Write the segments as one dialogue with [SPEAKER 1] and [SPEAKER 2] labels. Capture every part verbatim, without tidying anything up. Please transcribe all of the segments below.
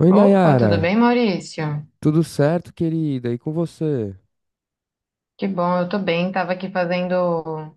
[SPEAKER 1] Oi,
[SPEAKER 2] Opa, tudo
[SPEAKER 1] Nayara.
[SPEAKER 2] bem, Maurício?
[SPEAKER 1] Tudo certo, querida? E com você?
[SPEAKER 2] Que bom, eu tô bem. Tava aqui fazendo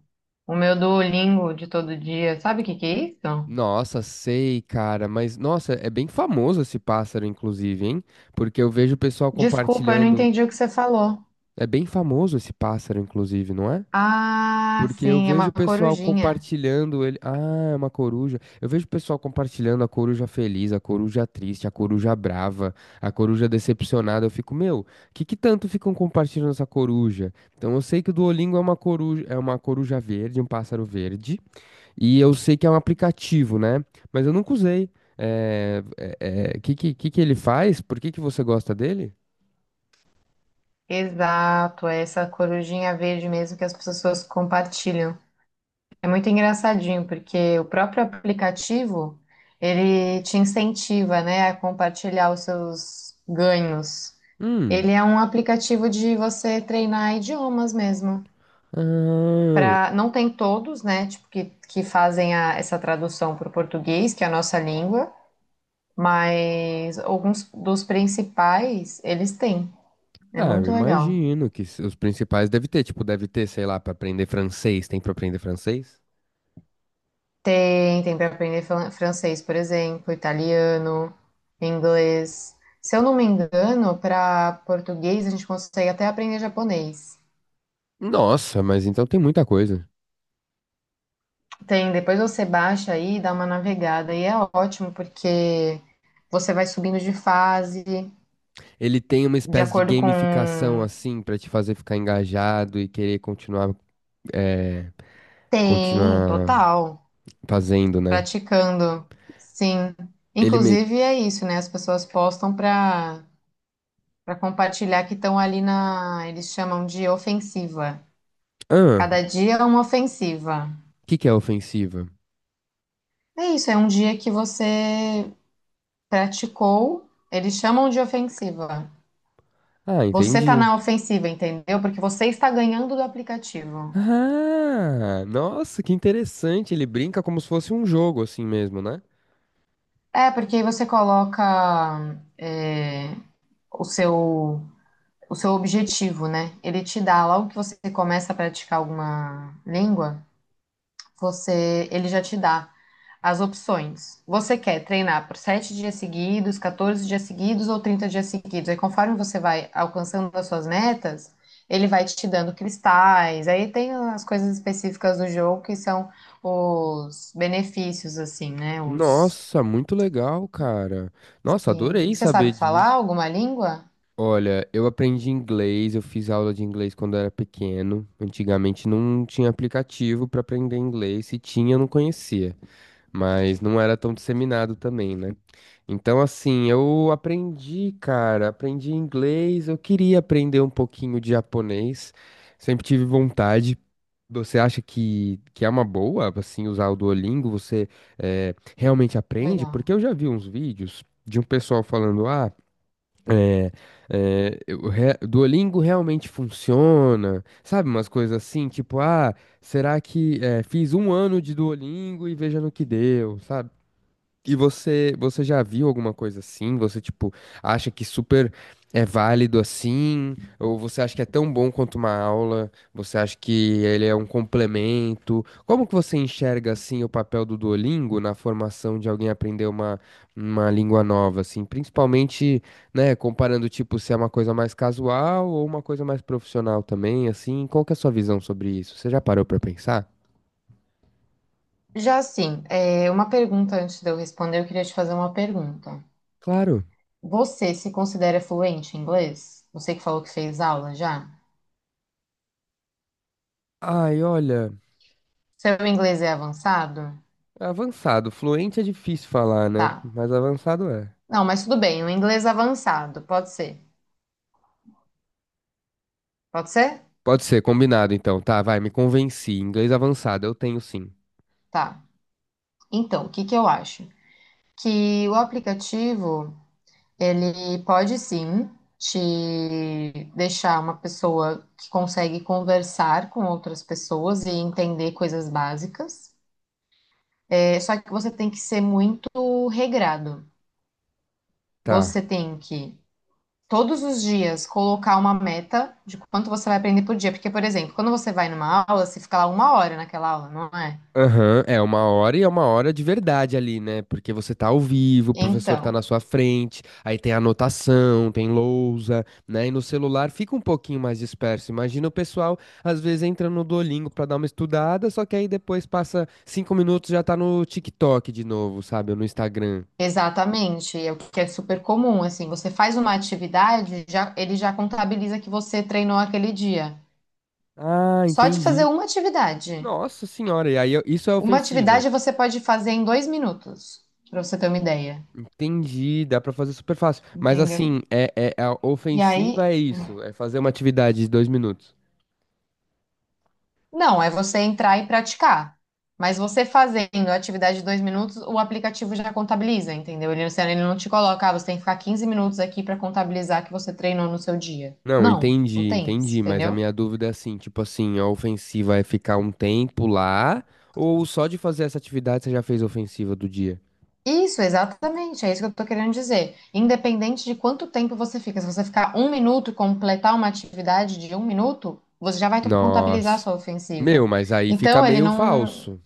[SPEAKER 2] o meu Duolingo de todo dia. Sabe o que que é isso?
[SPEAKER 1] Nossa, sei, cara, mas nossa, é bem famoso esse pássaro, inclusive, hein? Porque eu vejo o pessoal
[SPEAKER 2] Desculpa, eu não
[SPEAKER 1] compartilhando.
[SPEAKER 2] entendi o que você falou.
[SPEAKER 1] É bem famoso esse pássaro, inclusive, não é?
[SPEAKER 2] Ah,
[SPEAKER 1] Porque eu
[SPEAKER 2] sim, é
[SPEAKER 1] vejo
[SPEAKER 2] uma
[SPEAKER 1] o pessoal
[SPEAKER 2] corujinha.
[SPEAKER 1] compartilhando ele. Ah, é uma coruja. Eu vejo o pessoal compartilhando a coruja feliz, a coruja triste, a coruja brava, a coruja decepcionada. Eu fico, meu, que que tanto ficam compartilhando essa coruja? Então eu sei que o Duolingo é uma coruja, é uma coruja verde, um pássaro verde. E eu sei que é um aplicativo, né? Mas eu nunca usei. É, é, é, que, que, que que ele faz? Por que que você gosta dele?
[SPEAKER 2] Exato, é essa corujinha verde mesmo que as pessoas compartilham. É muito engraçadinho, porque o próprio aplicativo, ele te incentiva, né, a compartilhar os seus ganhos.
[SPEAKER 1] Hum.
[SPEAKER 2] Ele é um aplicativo de você treinar idiomas mesmo.
[SPEAKER 1] Ah,
[SPEAKER 2] Para não tem todos, né? Tipo que, que fazem a- essa tradução para o português, que é a nossa língua, mas alguns dos principais eles têm. É
[SPEAKER 1] ah, eu
[SPEAKER 2] muito legal.
[SPEAKER 1] imagino que s- os principais deve ter, tipo, deve ter, sei lá, para aprender francês, tem para aprender francês?
[SPEAKER 2] Tem, tem para aprender fran- francês, por exemplo, italiano, inglês. Se eu não me engano, para português a gente consegue até aprender japonês.
[SPEAKER 1] Nossa, mas então tem muita coisa.
[SPEAKER 2] Tem, depois você baixa aí e dá uma navegada e é ótimo porque você vai subindo de fase
[SPEAKER 1] Ele tem uma
[SPEAKER 2] de
[SPEAKER 1] espécie de
[SPEAKER 2] acordo com.
[SPEAKER 1] gamificação assim pra te fazer ficar engajado e querer continuar, é,
[SPEAKER 2] Tem,
[SPEAKER 1] continuar
[SPEAKER 2] total.
[SPEAKER 1] fazendo, né?
[SPEAKER 2] Praticando, sim.
[SPEAKER 1] Ele meio,
[SPEAKER 2] Inclusive é isso, né? As pessoas postam para para compartilhar que estão ali na, eles chamam de ofensiva.
[SPEAKER 1] ah,
[SPEAKER 2] Cada dia é uma ofensiva.
[SPEAKER 1] o que que é ofensiva?
[SPEAKER 2] É isso, é um dia que você praticou, eles chamam de ofensiva.
[SPEAKER 1] Ah,
[SPEAKER 2] Você tá
[SPEAKER 1] entendi.
[SPEAKER 2] na ofensiva, entendeu? Porque você está ganhando do aplicativo.
[SPEAKER 1] Ah, nossa, que interessante. Ele brinca como se fosse um jogo assim mesmo, né?
[SPEAKER 2] É, porque aí você coloca é, o seu o seu objetivo, né? Ele te dá, logo que você começa a praticar alguma língua, você, ele já te dá as opções. Você quer treinar por sete dias seguidos, quatorze dias seguidos ou trinta dias seguidos. Aí, conforme você vai alcançando as suas metas, ele vai te dando cristais. Aí tem as coisas específicas do jogo que são os benefícios, assim, né? Os.
[SPEAKER 1] Nossa, muito legal, cara. Nossa,
[SPEAKER 2] Sim.
[SPEAKER 1] adorei
[SPEAKER 2] Você
[SPEAKER 1] saber
[SPEAKER 2] sabe falar
[SPEAKER 1] disso.
[SPEAKER 2] alguma língua?
[SPEAKER 1] Olha, eu aprendi inglês, eu fiz aula de inglês quando eu era pequeno. Antigamente não tinha aplicativo pra aprender inglês, se tinha, eu não conhecia. Mas não era tão disseminado também, né? Então, assim, eu aprendi, cara, aprendi inglês, eu queria aprender um pouquinho de japonês, sempre tive vontade. Você acha que, que é uma boa, assim, usar o Duolingo? Você eh, realmente aprende?
[SPEAKER 2] Legal.
[SPEAKER 1] Porque eu já vi uns vídeos de um pessoal falando, ah. É, é, eu re- Duolingo realmente funciona, sabe? Umas coisas assim, tipo, ah, será que é, fiz um ano de Duolingo e veja no que deu, sabe? E você, você já viu alguma coisa assim? Você, tipo, acha que super é válido assim? Ou você acha que é tão bom quanto uma aula? Você acha que ele é um complemento? Como que você enxerga, assim, o papel do Duolingo na formação de alguém aprender uma, uma língua nova, assim? Principalmente, né, comparando, tipo, se é uma coisa mais casual ou uma coisa mais profissional também, assim? Qual que é a sua visão sobre isso? Você já parou pra pensar?
[SPEAKER 2] Já assim, é, uma pergunta antes de eu responder, eu queria te fazer uma pergunta.
[SPEAKER 1] Claro.
[SPEAKER 2] Você se considera fluente em inglês? Você que falou que fez aula já?
[SPEAKER 1] Ai, olha.
[SPEAKER 2] Seu inglês é avançado?
[SPEAKER 1] Avançado. Fluente é difícil falar, né?
[SPEAKER 2] Tá.
[SPEAKER 1] Mas avançado é.
[SPEAKER 2] Não, mas tudo bem, um inglês avançado, pode ser. Pode ser?
[SPEAKER 1] Pode ser, combinado então. Tá, vai, me convenci. Inglês avançado, eu tenho sim.
[SPEAKER 2] Tá. Então, o que que eu acho? Que o aplicativo, ele pode sim te deixar uma pessoa que consegue conversar com outras pessoas e entender coisas básicas. É só que você tem que ser muito regrado.
[SPEAKER 1] Tá.
[SPEAKER 2] Você tem que todos os dias colocar uma meta de quanto você vai aprender por dia. Porque, por exemplo, quando você vai numa aula, você fica lá uma hora naquela aula, não é?
[SPEAKER 1] Aham, é uma hora e é uma hora de verdade ali, né? Porque você tá ao vivo, o professor tá
[SPEAKER 2] Então,
[SPEAKER 1] na sua frente, aí tem anotação, tem lousa, né? E no celular fica um pouquinho mais disperso. Imagina o pessoal, às vezes, entra no Duolingo pra dar uma estudada, só que aí depois passa cinco minutos já tá no TikTok de novo, sabe? Ou no Instagram.
[SPEAKER 2] exatamente, é o que é super comum, assim, você faz uma atividade, já, ele já contabiliza que você treinou aquele dia.
[SPEAKER 1] Ah,
[SPEAKER 2] Só de fazer
[SPEAKER 1] entendi.
[SPEAKER 2] uma atividade.
[SPEAKER 1] Nossa senhora, e aí eu- isso é
[SPEAKER 2] Uma
[SPEAKER 1] ofensiva.
[SPEAKER 2] atividade você pode fazer em dois minutos, para você ter uma ideia,
[SPEAKER 1] Entendi, dá pra fazer super fácil. Mas
[SPEAKER 2] entendeu?
[SPEAKER 1] assim, é, é a
[SPEAKER 2] E
[SPEAKER 1] ofensiva
[SPEAKER 2] aí.
[SPEAKER 1] é isso, é fazer uma atividade de dois minutos.
[SPEAKER 2] Não, é você entrar e praticar. Mas você fazendo a atividade de dois minutos, o aplicativo já contabiliza, entendeu? Ele, você- ele não te coloca, ah, você tem que ficar quinze minutos aqui para contabilizar que você treinou no seu dia.
[SPEAKER 1] Não,
[SPEAKER 2] Não, não
[SPEAKER 1] entendi,
[SPEAKER 2] tem isso,
[SPEAKER 1] entendi, mas a
[SPEAKER 2] entendeu?
[SPEAKER 1] minha dúvida é assim, tipo assim, a ofensiva é ficar um tempo lá, ou só de fazer essa atividade você já fez a ofensiva do dia?
[SPEAKER 2] Isso, exatamente, é isso que eu tô querendo dizer. Independente de quanto tempo você fica, se você ficar um minuto e completar uma atividade de um minuto, você já vai to- contabilizar a
[SPEAKER 1] Nossa.
[SPEAKER 2] sua ofensiva.
[SPEAKER 1] Meu, mas aí fica
[SPEAKER 2] Então, ele
[SPEAKER 1] meio
[SPEAKER 2] não.
[SPEAKER 1] falso.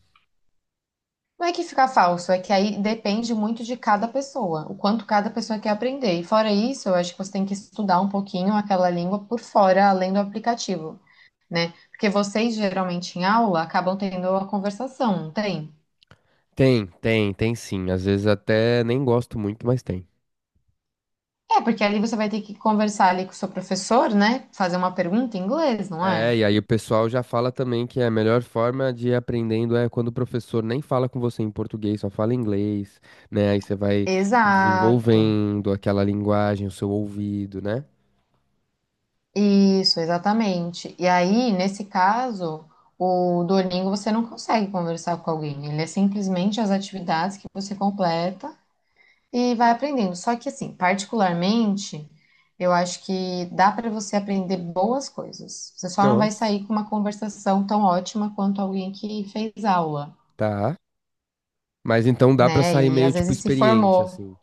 [SPEAKER 2] Não é que fica falso, é que aí depende muito de cada pessoa, o quanto cada pessoa quer aprender. E fora isso, eu acho que você tem que estudar um pouquinho aquela língua por fora, além do aplicativo, né? Porque vocês geralmente em aula acabam tendo a conversação, não tem?
[SPEAKER 1] Tem, tem, tem sim. Às vezes até nem gosto muito, mas tem.
[SPEAKER 2] É, porque ali você vai ter que conversar ali com o seu professor, né? Fazer uma pergunta em inglês, não
[SPEAKER 1] É,
[SPEAKER 2] é?
[SPEAKER 1] e aí o pessoal já fala também que a melhor forma de ir aprendendo é quando o professor nem fala com você em português, só fala inglês, né? Aí você vai
[SPEAKER 2] Exato.
[SPEAKER 1] desenvolvendo aquela linguagem, o seu ouvido, né?
[SPEAKER 2] Isso, exatamente. E aí, nesse caso, o Duolingo você não consegue conversar com alguém. Ele é simplesmente as atividades que você completa e vai aprendendo. Só que, assim, particularmente, eu acho que dá para você aprender boas coisas. Você só não vai
[SPEAKER 1] Nossa,
[SPEAKER 2] sair com uma conversação tão ótima quanto alguém que fez aula,
[SPEAKER 1] tá. Mas então dá pra
[SPEAKER 2] né?
[SPEAKER 1] sair
[SPEAKER 2] E
[SPEAKER 1] meio
[SPEAKER 2] às
[SPEAKER 1] tipo
[SPEAKER 2] vezes se
[SPEAKER 1] experiente,
[SPEAKER 2] formou.
[SPEAKER 1] assim.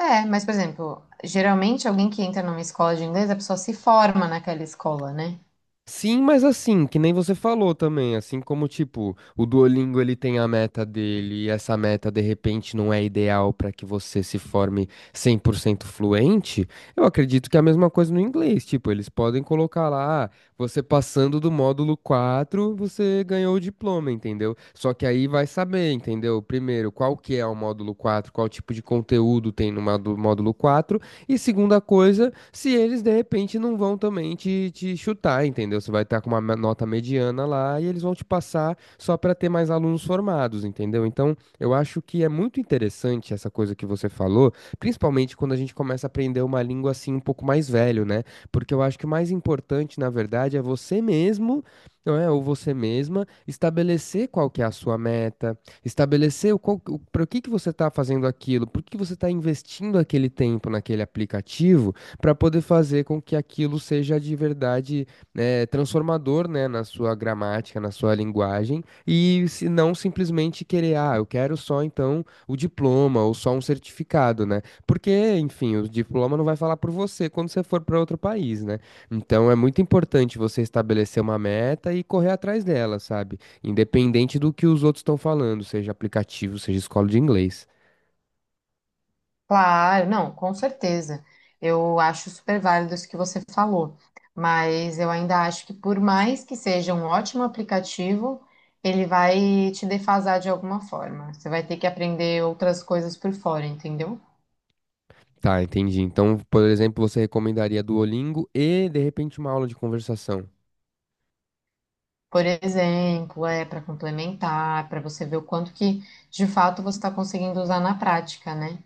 [SPEAKER 2] É, mas, por exemplo, geralmente alguém que entra numa escola de inglês, a pessoa se forma naquela escola, né?
[SPEAKER 1] Sim, mas assim, que nem você falou também, assim como, tipo, o Duolingo ele tem a meta dele e essa meta de repente não é ideal para que você se forme cem por cento fluente, eu acredito que é a mesma coisa no inglês, tipo, eles podem colocar lá, ah, você passando do módulo quatro você ganhou o diploma, entendeu? Só que aí vai saber, entendeu? Primeiro, qual que é o módulo quatro, qual tipo de conteúdo tem no módulo módulo quatro, e segunda coisa, se eles de repente não vão também te, te chutar, entendeu? Você vai estar com uma me- nota mediana lá e eles vão te passar só para ter mais alunos formados, entendeu? Então, eu acho que é muito interessante essa coisa que você falou, principalmente quando a gente começa a aprender uma língua assim um pouco mais velho, né? Porque eu acho que o mais importante, na verdade, é você mesmo, não é? Ou você mesma estabelecer qual que é a sua meta, estabelecer o qual, o, para que que você está fazendo aquilo, por que que você está investindo aquele tempo naquele aplicativo para poder fazer com que aquilo seja de verdade eh, transformador, né, na sua gramática, na sua linguagem, e se não simplesmente querer, ah, eu quero só então o diploma ou só um certificado, né? Porque, enfim, o diploma não vai falar por você quando você for para outro país, né? Então é muito importante você estabelecer uma meta e correr atrás dela, sabe? Independente do que os outros estão falando, seja aplicativo, seja escola de inglês.
[SPEAKER 2] Claro, não, com certeza. Eu acho super válido isso que você falou, mas eu ainda acho que por mais que seja um ótimo aplicativo, ele vai te defasar de alguma forma. Você vai ter que aprender outras coisas por fora, entendeu?
[SPEAKER 1] Tá, entendi. Então, por exemplo, você recomendaria Duolingo e, de repente, uma aula de conversação.
[SPEAKER 2] Por exemplo, é para complementar, para você ver o quanto que de fato você está conseguindo usar na prática, né?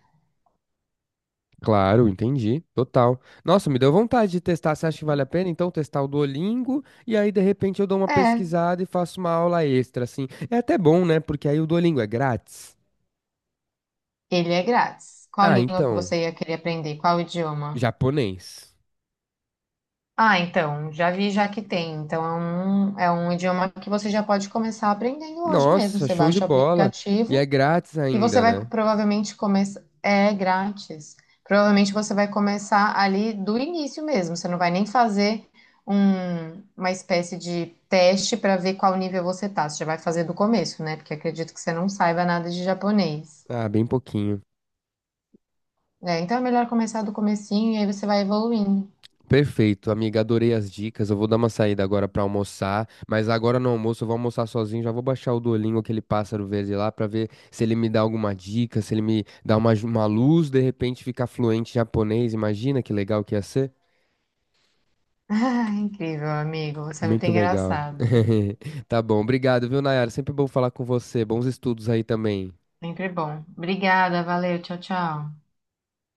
[SPEAKER 1] Claro, entendi. Total. Nossa, me deu vontade de testar. Você acha que vale a pena, então, testar o Duolingo? E aí, de repente, eu dou uma
[SPEAKER 2] É,
[SPEAKER 1] pesquisada e faço uma aula extra, assim. É até bom, né? Porque aí o Duolingo é grátis.
[SPEAKER 2] ele é grátis. Qual
[SPEAKER 1] Ah,
[SPEAKER 2] língua que
[SPEAKER 1] então.
[SPEAKER 2] você ia querer aprender? Qual idioma?
[SPEAKER 1] Japonês.
[SPEAKER 2] Ah, então, já vi já que tem. Então, é um, é um idioma que você já pode começar aprendendo hoje mesmo.
[SPEAKER 1] Nossa,
[SPEAKER 2] Você
[SPEAKER 1] show de
[SPEAKER 2] baixa o
[SPEAKER 1] bola. E é
[SPEAKER 2] aplicativo
[SPEAKER 1] grátis
[SPEAKER 2] e você
[SPEAKER 1] ainda,
[SPEAKER 2] vai co-
[SPEAKER 1] né?
[SPEAKER 2] provavelmente começar. É grátis. Provavelmente você vai começar ali do início mesmo. Você não vai nem fazer um- uma espécie de teste para ver qual nível você tá. Você já vai fazer do começo, né? Porque acredito que você não saiba nada de japonês.
[SPEAKER 1] Ah, bem pouquinho.
[SPEAKER 2] É, então é melhor começar do comecinho e aí você vai evoluindo.
[SPEAKER 1] Perfeito, amiga, adorei as dicas. Eu vou dar uma saída agora pra almoçar, mas agora no almoço eu vou almoçar sozinho, já vou baixar o Duolingo, aquele pássaro verde lá, pra ver se ele me dá alguma dica, se ele me dá uma, ju- uma luz, de repente ficar fluente em japonês. Imagina que legal que ia ser.
[SPEAKER 2] Ah, incrível, amigo. Você é muito
[SPEAKER 1] Muito legal.
[SPEAKER 2] engraçado.
[SPEAKER 1] Tá bom, obrigado, viu, Nayara? Sempre bom falar com você. Bons estudos aí também.
[SPEAKER 2] Sempre bom. Obrigada, valeu, tchau, tchau.